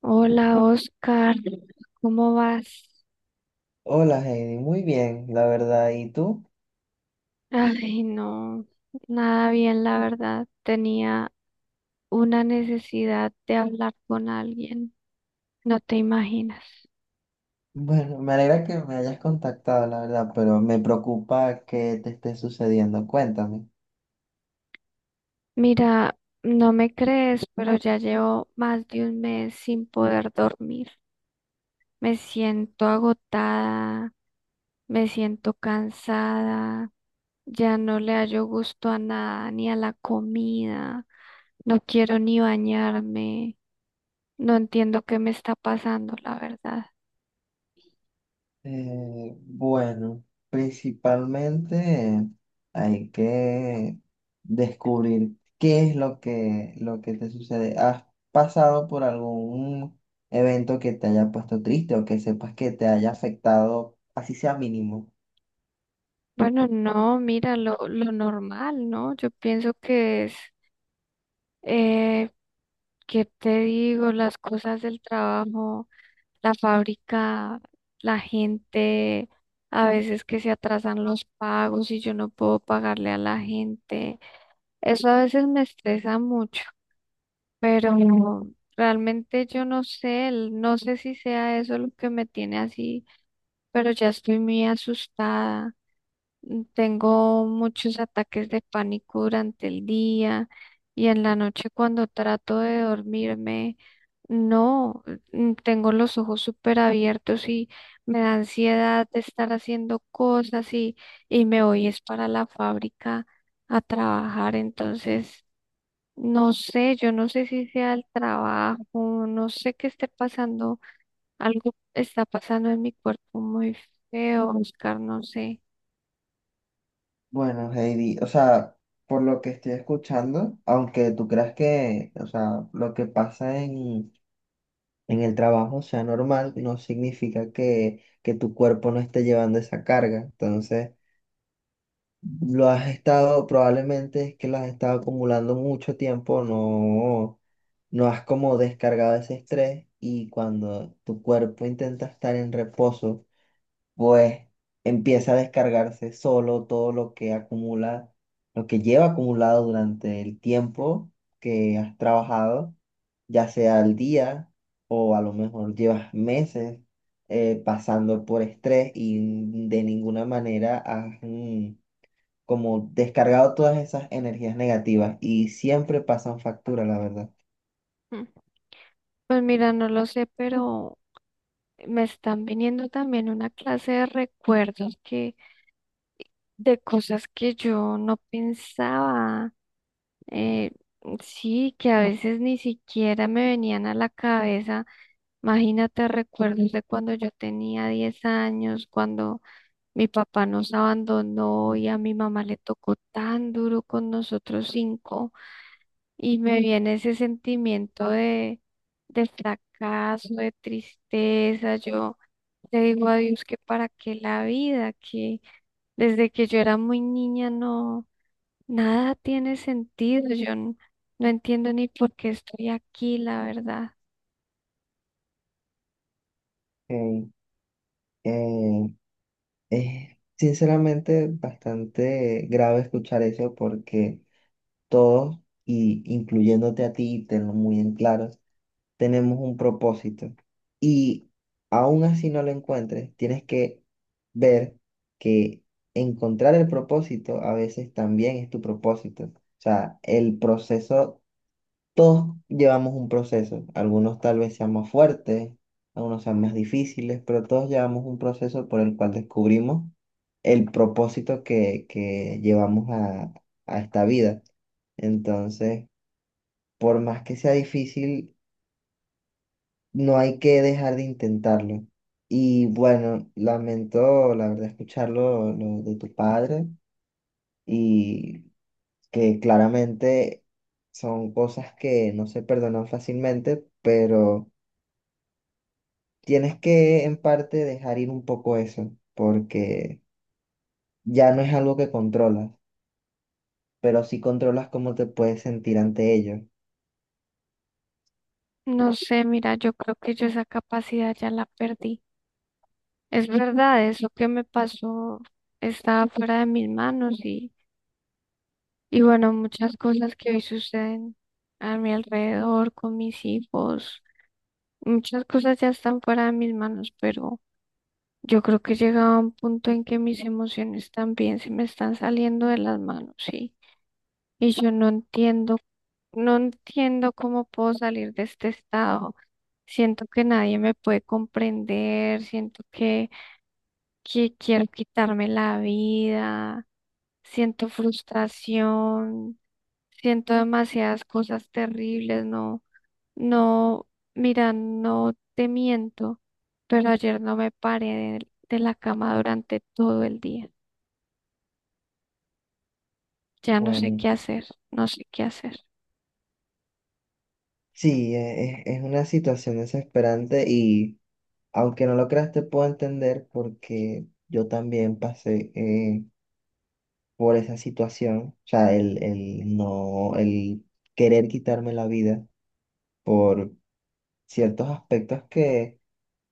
Hola, Oscar, ¿cómo vas? Hola Heidi, muy bien, la verdad. ¿Y tú? Ay, no, nada bien, la verdad. Tenía una necesidad de hablar con alguien, no te imaginas. Bueno, me alegra que me hayas contactado, la verdad, pero me preocupa que te esté sucediendo. Cuéntame. Mira, no me crees, pero ya llevo más de un mes sin poder dormir. Me siento agotada, me siento cansada, ya no le hallo gusto a nada, ni a la comida, no quiero ni bañarme. No entiendo qué me está pasando, la verdad. Eh, bueno, principalmente hay que descubrir qué es lo que te sucede. ¿Has pasado por algún evento que te haya puesto triste o que sepas que te haya afectado, así sea mínimo? Bueno, no, mira, lo normal, ¿no? Yo pienso que es, eh, ¿qué te digo? Las cosas del trabajo, la fábrica, la gente, a veces que se atrasan los pagos y yo no puedo pagarle a la gente. Eso a veces me estresa mucho, pero realmente yo no sé, no sé si sea eso lo que me tiene así, pero ya estoy muy asustada. Tengo muchos ataques de pánico durante el día y en la noche cuando trato de dormirme, no, tengo los ojos súper abiertos y me da ansiedad de estar haciendo cosas y me voy es para la fábrica a trabajar. Entonces, no sé, yo no sé si sea el trabajo, no sé qué esté pasando, algo está pasando en mi cuerpo muy feo, Oscar, no sé. Bueno, Heidi, o sea, por lo que estoy escuchando, aunque tú creas que, o sea, lo que pasa en el trabajo sea normal, no significa que tu cuerpo no esté llevando esa carga. Entonces, lo has estado, probablemente es que lo has estado acumulando mucho tiempo, no, no has como descargado ese estrés y cuando tu cuerpo intenta estar en reposo pues empieza a descargarse solo todo lo que acumula, lo que lleva acumulado durante el tiempo que has trabajado, ya sea al día o a lo mejor llevas meses pasando por estrés y de ninguna manera has como descargado todas esas energías negativas y siempre pasan factura, la verdad. Pues mira, no lo sé, pero me están viniendo también una clase de recuerdos, que, de cosas que yo no pensaba. eh, sí, que a veces ni siquiera me venían a la cabeza. Imagínate recuerdos de cuando yo tenía 10 años, cuando mi papá nos abandonó y a mi mamá le tocó tan duro con nosotros cinco. Y me viene ese sentimiento de fracaso, de tristeza. Yo le digo a Dios que para qué la vida, que desde que yo era muy niña no, nada tiene sentido. Yo no entiendo ni por qué estoy aquí, la verdad. Eh, eh, es sinceramente bastante grave escuchar eso porque todos, y incluyéndote a ti, tenlo muy en claro, tenemos un propósito. Y aún así no lo encuentres, tienes que ver que encontrar el propósito a veces también es tu propósito. O sea, el proceso, todos llevamos un proceso. Algunos tal vez sean más fuertes, algunos sean más difíciles, pero todos llevamos un proceso por el cual descubrimos el propósito que llevamos a esta vida. Entonces, por más que sea difícil, no hay que dejar de intentarlo. Y bueno, lamento, la verdad, escucharlo lo de tu padre y que claramente son cosas que no se perdonan fácilmente, pero tienes que en parte dejar ir un poco eso, porque ya no es algo que controlas, pero sí controlas cómo te puedes sentir ante ello. No sé, mira, yo creo que yo esa capacidad ya la perdí. Es verdad, eso que me pasó estaba fuera de mis manos y bueno, muchas cosas que hoy suceden a mi alrededor, con mis hijos, muchas cosas ya están fuera de mis manos, pero. Yo creo que llegaba un punto en que mis emociones también se me están saliendo de las manos, sí. Y yo no entiendo, no entiendo cómo puedo salir de este estado. Siento que nadie me puede comprender, siento que quiero quitarme la vida, siento frustración, siento demasiadas cosas terribles, ¿no? No, mira, no te miento, pero ayer no me paré de la cama durante todo el día. Ya no sé qué Bueno, hacer, no sé qué hacer. sí, es una situación desesperante y aunque no lo creas, te puedo entender porque yo también pasé por esa situación. O sea, el no, el querer quitarme la vida por ciertos aspectos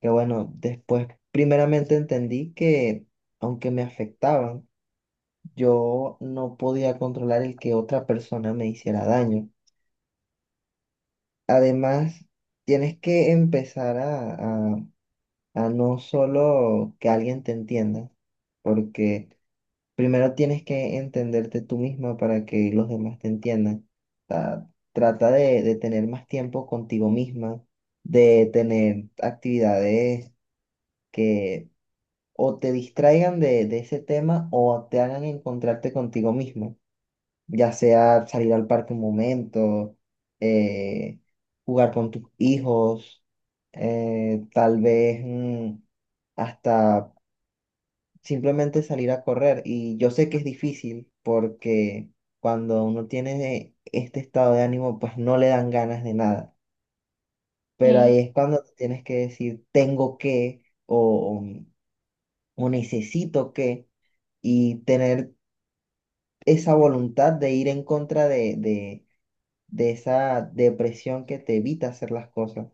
que, bueno, después primeramente entendí que aunque me afectaban, yo no podía controlar el que otra persona me hiciera daño. Además, tienes que empezar a a no solo que alguien te entienda, porque primero tienes que entenderte tú misma para que los demás te entiendan. O sea, trata de tener más tiempo contigo misma, de tener actividades que o te distraigan de ese tema o te hagan encontrarte contigo misma, ya sea salir al parque un momento, eh, jugar con tus hijos, tal vez hasta simplemente salir a correr. Y yo sé que es difícil porque cuando uno tiene este estado de ánimo, pues no le dan ganas de nada. Pero Sí, ahí es cuando tú tienes que decir tengo que o necesito que, y tener esa voluntad de ir en contra de esa depresión que te evita hacer las cosas.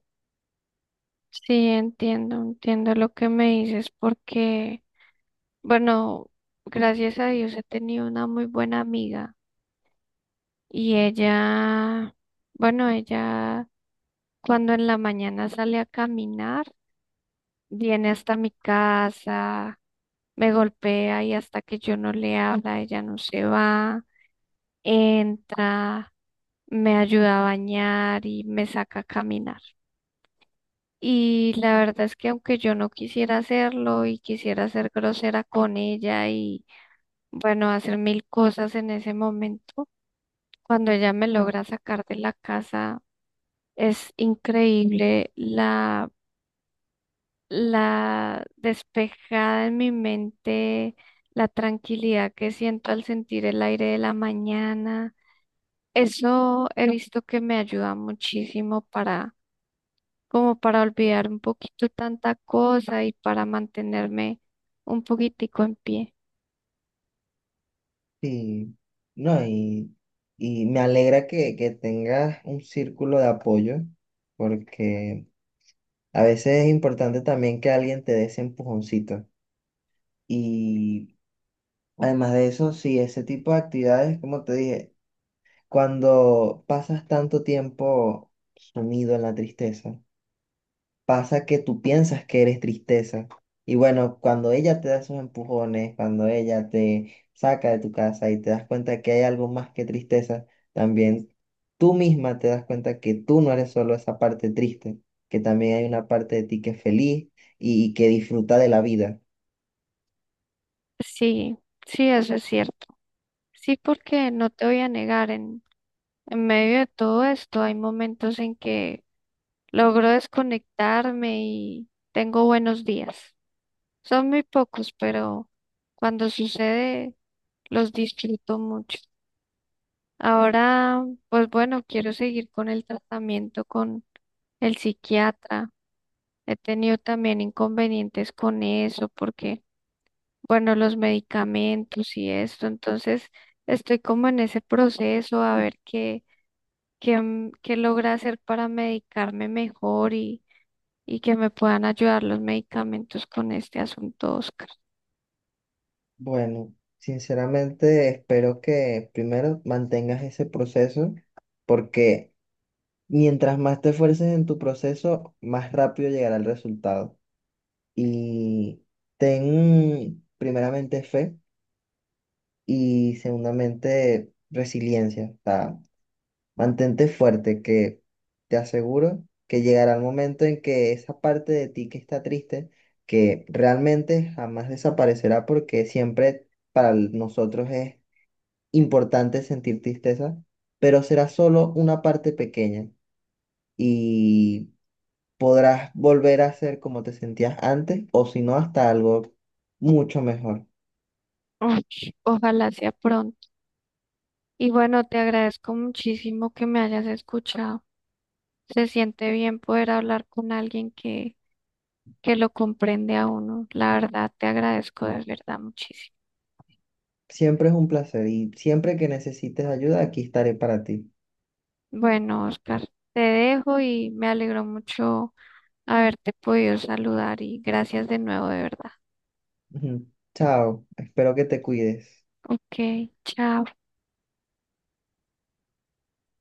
sí, entiendo, entiendo lo que me dices porque, bueno, gracias a Dios he tenido una muy buena amiga y ella, bueno, ella cuando en la mañana sale a caminar, viene hasta mi casa, me golpea y hasta que yo no le habla, ella no se va, entra, me ayuda a bañar y me saca a caminar. Y la verdad es que aunque yo no quisiera hacerlo y quisiera ser grosera con ella y bueno, hacer mil cosas en ese momento, cuando ella me logra sacar de la casa, es increíble la despejada en mi mente, la tranquilidad que siento al sentir el aire de la mañana. Eso he visto que me ayuda muchísimo para, como para olvidar un poquito tanta cosa y para mantenerme un poquitico en pie. Sí, no, y me alegra que tengas un círculo de apoyo porque a veces es importante también que alguien te dé ese empujoncito. Y además de eso, sí, ese tipo de actividades, como te dije, cuando pasas tanto tiempo sumido en la tristeza, pasa que tú piensas que eres tristeza. Y bueno, cuando ella te da esos empujones, cuando ella te saca de tu casa y te das cuenta que hay algo más que tristeza, también tú misma te das cuenta que tú no eres solo esa parte triste, que también hay una parte de ti que es feliz y que disfruta de la vida. Sí, sí, eso es cierto. Sí, porque no te voy a negar, en medio de todo esto hay momentos en que logro desconectarme y tengo buenos días. Son muy pocos, pero cuando sucede los disfruto mucho. Ahora, pues bueno, quiero seguir con el tratamiento con el psiquiatra. He tenido también inconvenientes con eso porque, bueno, los medicamentos y esto. Entonces, estoy como en ese proceso a ver qué logra hacer para medicarme mejor y que me puedan ayudar los medicamentos con este asunto, Oscar. Bueno, sinceramente espero que primero mantengas ese proceso porque mientras más te esfuerces en tu proceso, más rápido llegará el resultado. Y ten primeramente fe y segundamente resiliencia. O sea, mantente fuerte, que te aseguro que llegará el momento en que esa parte de ti que está triste, que realmente jamás desaparecerá porque siempre para nosotros es importante sentir tristeza, pero será solo una parte pequeña y podrás volver a ser como te sentías antes o si no hasta algo mucho mejor. Uy, ojalá sea pronto. Y bueno, te agradezco muchísimo que me hayas escuchado. Se siente bien poder hablar con alguien que lo comprende a uno. La verdad, te agradezco de verdad muchísimo. Siempre es un placer y siempre que necesites ayuda, aquí estaré para ti. Bueno, Oscar, te dejo y me alegro mucho haberte podido saludar y gracias de nuevo de verdad. Ujú. Chao, espero que te cuides. Ok, chao.